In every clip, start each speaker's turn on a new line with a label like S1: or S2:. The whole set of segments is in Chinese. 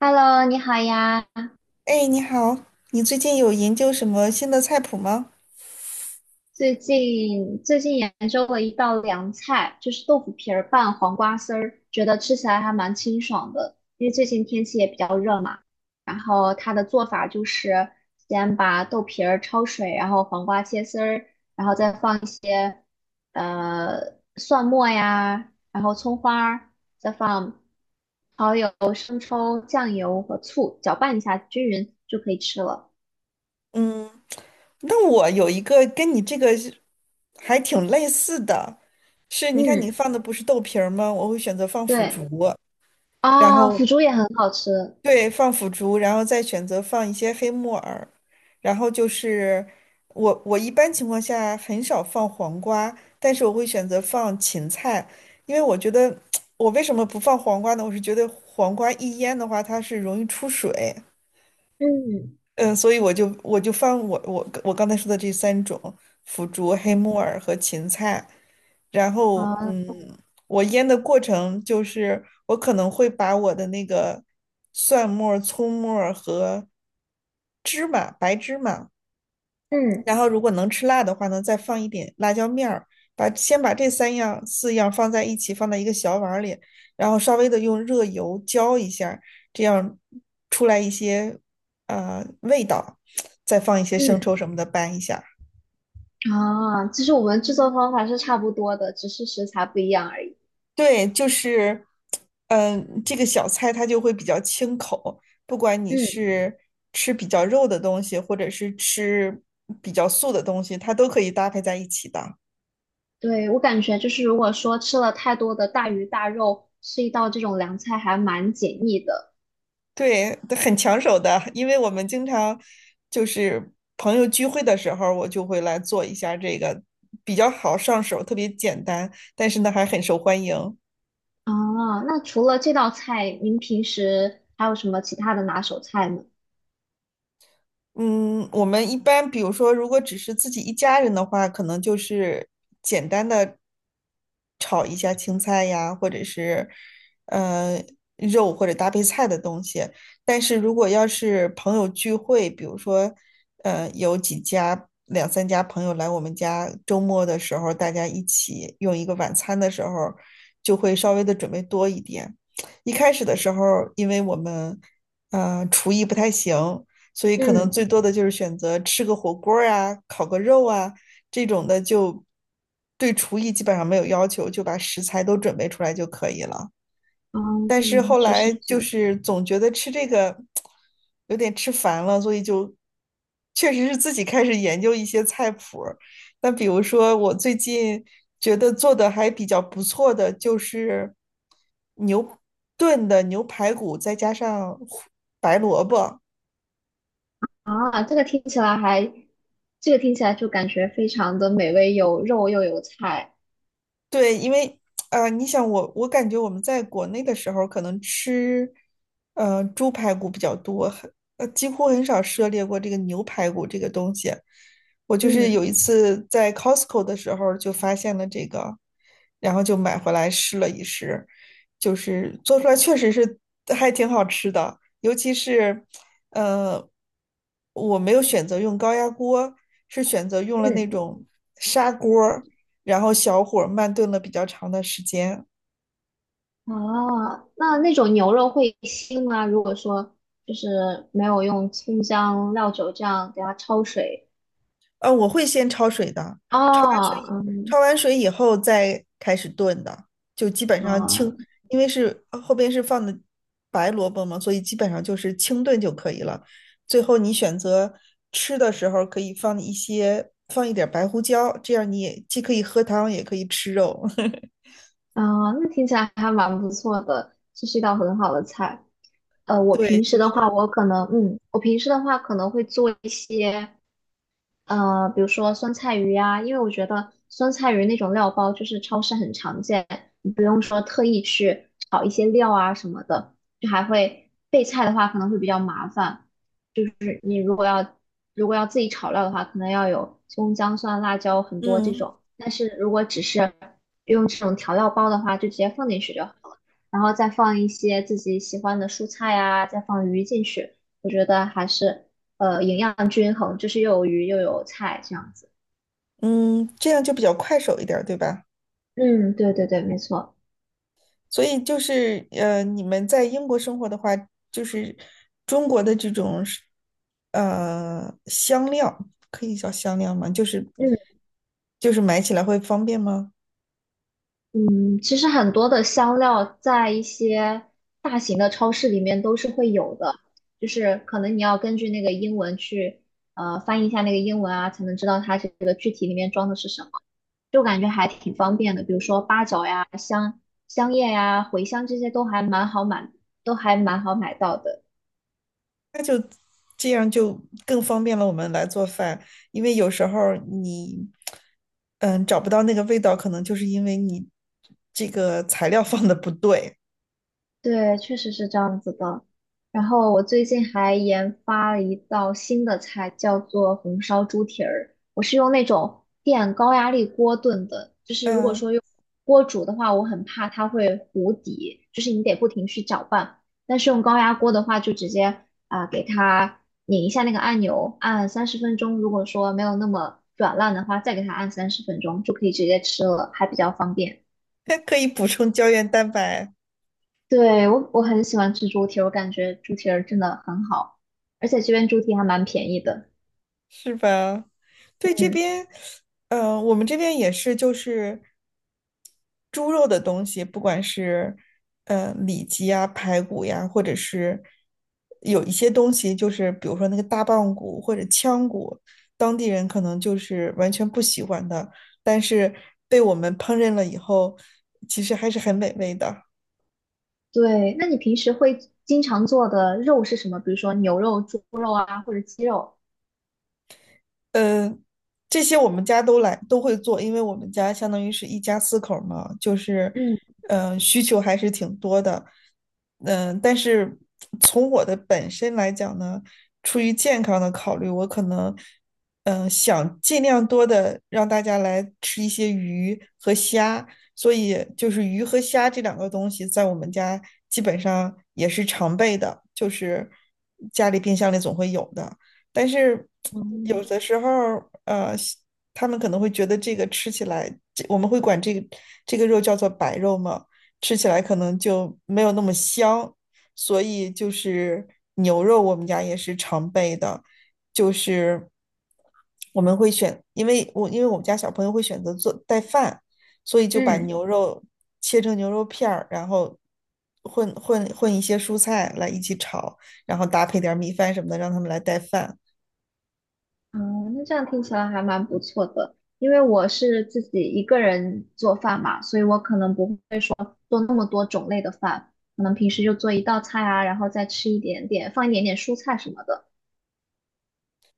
S1: Hello，你好呀！
S2: 哎，你好，你最近有研究什么新的菜谱吗？
S1: 最近研究了一道凉菜，就是豆腐皮儿拌黄瓜丝儿，觉得吃起来还蛮清爽的。因为最近天气也比较热嘛，然后它的做法就是先把豆皮儿焯水，然后黄瓜切丝儿，然后再放一些蒜末呀，然后葱花儿，再放蚝油、生抽、酱油和醋，搅拌一下均匀就可以吃了。
S2: 嗯，那我有一个跟你这个是还挺类似的，是你看你
S1: 嗯，
S2: 放的不是豆皮儿吗？我会选择放腐竹，
S1: 对。
S2: 然
S1: 啊，
S2: 后
S1: 腐竹也很好吃。
S2: 对，放腐竹，然后再选择放一些黑木耳，然后就是我一般情况下很少放黄瓜，但是我会选择放芹菜，因为我觉得 我为什么不放黄瓜呢？我是觉得黄瓜一腌的话，它是容易出水。
S1: 嗯，
S2: 嗯，所以我就放我刚才说的这三种腐竹、黑木耳和芹菜，然后
S1: 啊，
S2: 我腌的过程就是我可能会把我的那个蒜末儿葱末儿和芝麻、白芝麻，
S1: 嗯
S2: 然后如果能吃辣的话呢，再放一点辣椒面儿，先把这三样四样放在一起，放在一个小碗里，然后稍微的用热油浇一下，这样出来一些味道，再放一些
S1: 嗯
S2: 生抽什么的拌一下。
S1: 啊，其实我们制作方法是差不多的，只是食材不一样而已。
S2: 对，就是这个小菜它就会比较清口，不管你
S1: 嗯，
S2: 是吃比较肉的东西，或者是吃比较素的东西，它都可以搭配在一起的。
S1: 对，我感觉就是如果说吃了太多的大鱼大肉，吃一道这种凉菜还蛮解腻的。
S2: 对，很抢手的，因为我们经常就是朋友聚会的时候，我就会来做一下这个，比较好上手，特别简单，但是呢还很受欢迎。
S1: 啊，那除了这道菜，您平时还有什么其他的拿手菜吗？
S2: 嗯，我们一般比如说，如果只是自己一家人的话，可能就是简单的炒一下青菜呀，或者是呃肉或者搭配菜的东西。但是如果要是朋友聚会，比如说有几家两三家朋友来我们家，周末的时候大家一起用一个晚餐的时候，就会稍微的准备多一点。一开始的时候，因为我们厨艺不太行。所以可
S1: 嗯
S2: 能最多的就是选择吃个火锅啊、烤个肉啊这种的，就对厨艺基本上没有要求，就把食材都准备出来就可以了。但是
S1: 嗯，
S2: 后
S1: 说是
S2: 来就
S1: 这
S2: 是总觉得吃这个有点吃烦了，所以就确实是自己开始研究一些菜谱，那比如说我最近觉得做的还比较不错的就是牛炖的牛排骨，再加上胡白萝卜。
S1: 啊，这个听起来还，这个听起来就感觉非常的美味，有肉又有菜。
S2: 对，因为你想我，我感觉我们在国内的时候，可能吃猪排骨比较多，很几乎很少涉猎过这个牛排骨这个东西。我就是
S1: 嗯。
S2: 有一次在 Costco 的时候就发现了这个，然后就买回来试了一试，就是做出来确实是还挺好吃的，尤其是呃，我没有选择用高压锅，是选择用了那
S1: 嗯，
S2: 种砂锅。然后小火慢炖了比较长的时间。
S1: 哦，那那种牛肉会腥吗？如果说就是没有用葱姜料酒这样给它焯水，
S2: 我会先焯水的，焯完水
S1: 哦，
S2: 以，
S1: 嗯，
S2: 焯完水以后再开始炖的，就基本上
S1: 啊、
S2: 清，因为是后边是放的白萝卜嘛，所以基本上就是清炖就可以了。最后你选择吃的时候可以放一些，放一点白胡椒，这样你也既可以喝汤，也可以吃肉。
S1: 啊、那听起来还蛮不错的，这是一道很好的菜。呃，我
S2: 对，
S1: 平时
S2: 就
S1: 的话，
S2: 是，
S1: 我可能，嗯，我平时的话可能会做一些。呃，比如说酸菜鱼呀、因为我觉得酸菜鱼那种料包就是超市很常见，你不用说特意去炒一些料啊什么的，就还会备菜的话可能会比较麻烦。就是你如果要自己炒料的话，可能要有葱姜蒜辣椒很多这
S2: 嗯
S1: 种，但是如果只是用这种调料包的话，就直接放进去就好了，然后再放一些自己喜欢的蔬菜啊，再放鱼进去，我觉得还是营养均衡，就是又有鱼又有菜这样子。
S2: 嗯，这样就比较快手一点对吧？
S1: 嗯，对对对，没错。
S2: 所以就是你们在英国生活的话，就是中国的这种是香料，可以叫香料吗？
S1: 嗯，
S2: 就是买起来会方便吗？
S1: 嗯，其实很多的香料在一些大型的超市里面都是会有的，就是可能你要根据那个英文去翻译一下那个英文啊，才能知道它这个具体里面装的是什么，就感觉还挺方便的。比如说八角呀、香叶呀、茴香这些都还蛮好买，都还蛮好买到的。
S2: 那就这样就更方便了我们来做饭，因为有时候儿你嗯找不到那个味道，可能就是因为你这个材料放的不对。
S1: 对，确实是这样子的。然后我最近还研发了一道新的菜，叫做红烧猪蹄儿。我是用那种电高压力锅炖的，就是如果
S2: 嗯，
S1: 说用锅煮的话，我很怕它会糊底，就是你得不停去搅拌。但是用高压锅的话，就直接啊、给它拧一下那个按钮，按三十分钟。如果说没有那么软烂的话，再给它按三十分钟，就可以直接吃了，还比较方便。
S2: 可以补充胶原蛋白。
S1: 对，我很喜欢吃猪蹄儿，我感觉猪蹄儿真的很好，而且这边猪蹄还蛮便宜的。
S2: 是吧？对，这
S1: 嗯，
S2: 边，我们这边也是，就是猪肉的东西，不管是里脊呀、排骨呀，或者是有一些东西，就是比如说那个大棒骨或者腔骨，当地人可能就是完全不喜欢的，但是被我们烹饪了以后，其实还是很美味的。
S1: 对，那你平时会经常做的肉是什么？比如说牛肉、猪肉啊，或者鸡肉？
S2: 嗯，这些我们家都来都会做，因为我们家相当于是一家四口儿嘛，就是，
S1: 嗯
S2: 嗯，需求还是挺多的。嗯，但是从我的本身来讲呢，出于健康的考虑，我可能，嗯，想尽量多的让大家来吃一些鱼和虾，所以就是鱼和虾这两个东西在我们家基本上也是常备的，就是家里冰箱里总会有的。但是有
S1: 嗯
S2: 的时候呃，他们可能会觉得这个吃起来，这我们会管这个肉叫做白肉嘛，吃起来可能就没有那么香，所以就是牛肉我们家也是常备的，就是我们会选，因为我们家小朋友会选择做带饭，所以就把
S1: 嗯，
S2: 牛肉切成牛肉片儿，然后。混一些蔬菜来一起炒，然后搭配点儿米饭什么的，让他们来带饭。
S1: 嗯，那这样听起来还蛮不错的。因为我是自己一个人做饭嘛，所以我可能不会，可能平时就做一道菜啊，然后再吃一点点，放一点点蔬菜什么的。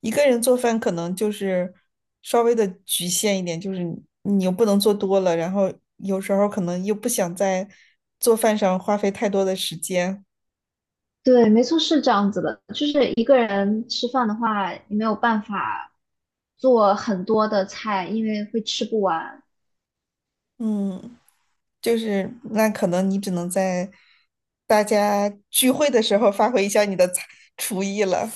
S2: 一个人做饭可能就是稍微的局限一点，就是你又不能做多了，然后有时候可能又不想在做饭上花费太多的时间，
S1: 对，没错，是这样子的。就是一个人吃饭的话，你没有办法做很多的菜，因为会吃不完。
S2: 嗯，就是那可能你只能在大家聚会的时候发挥一下你的才厨艺了，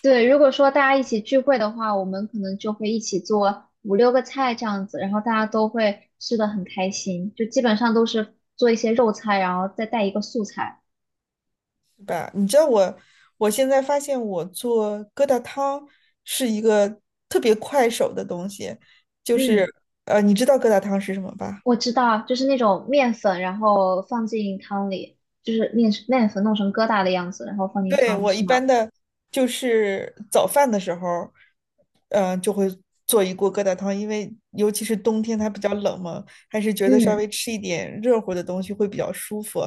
S1: 对，如果说大家一起聚会的话，我们可能就会一起做五六个菜这样子，然后大家都会吃的很开心，就基本上都是做一些肉菜，然后再带一个素菜。
S2: 是吧？你知道我现在发现我做疙瘩汤是一个特别快手的东西，就是
S1: 嗯，
S2: 你知道疙瘩汤是什么吧？
S1: 我知道，就是那种面粉，然后放进汤里，就是面粉弄成疙瘩的样子，然后放进
S2: 对，
S1: 汤里，
S2: 我
S1: 是
S2: 一
S1: 吗？
S2: 般的就是早饭的时候，嗯、就会做一锅疙瘩汤，因为尤其是冬天它比较冷嘛，还是觉得稍
S1: 嗯
S2: 微吃一点热乎的东西会比较舒服，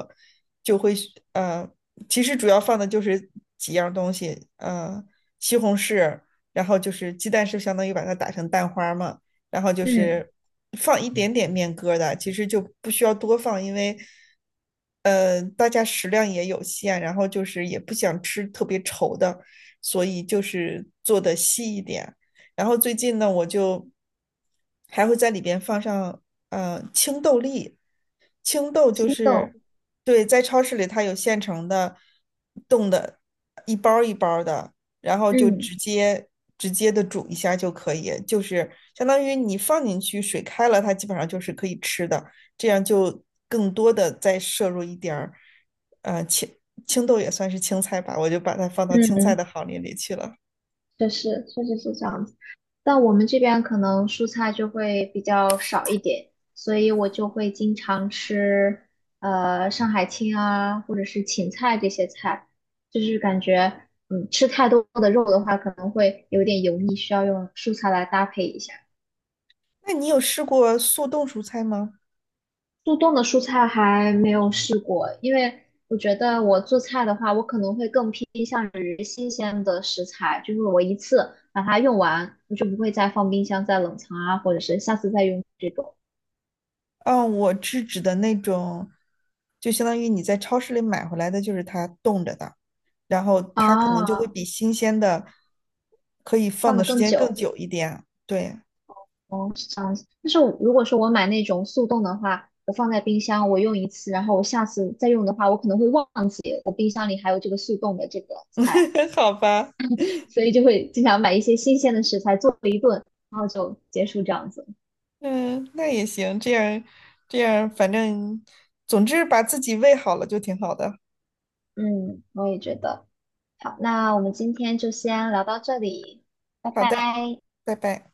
S2: 就会呃，其实主要放的就是几样东西，嗯，西红柿，然后就是鸡蛋是相当于把它打成蛋花儿嘛，然后就
S1: 嗯，
S2: 是放一点点面疙瘩，其实就不需要多放，因为大家食量也有限，然后就是也不想吃特别稠的，所以就是做的稀一点。然后最近呢，我就还会在里边放上青豆粒，青豆就
S1: 青豆，
S2: 是对，在超市里它有现成的冻的，一包儿一包儿的。然后就
S1: 嗯。
S2: 直接直接的煮一下就可以，就是相当于你放进去，水开了，它基本上就是可以吃的，这样就更多的再摄入一点儿，呃，青青豆也算是青菜吧，我就把它放到青菜
S1: 嗯，
S2: 的行列里去了。
S1: 确实，确实是这样子。但我们这边可能蔬菜就会比较少一点，所以我就会经常吃上海青啊，或者是芹菜这些菜，就是感觉吃太多的肉的话，可能会有点油腻，需要用蔬菜来搭配一下。
S2: 那你有试过速冻蔬菜吗？
S1: 速冻的蔬菜还没有试过，因为我觉得我做菜的话，我可能会更偏向于新鲜的食材，就是我一次把它用完，我就不会再放冰箱、再冷藏啊，或者是下次再用这种
S2: 嗯，我是指的那种，就相当于你在超市里买回来的，就是它冻着的，然后它可能就会
S1: 啊，
S2: 比新鲜的可以放
S1: 放
S2: 的
S1: 的
S2: 时
S1: 更
S2: 间更
S1: 久。
S2: 久一点，对。
S1: 哦，是这样子。但是我如果说我买那种速冻的话，我放在冰箱，我用一次，然后我下次再用的话，我可能会忘记我冰箱里还有这个速冻的这个菜，
S2: 好吧，
S1: 所以就会经常买一些新鲜的食材做一顿，然后就结束这样子。
S2: 嗯，那也行，这样，反正总之把自己喂好了就挺好的。
S1: 嗯，我也觉得。好，那我们今天就先聊到这里，拜
S2: 好的，
S1: 拜。
S2: 拜拜。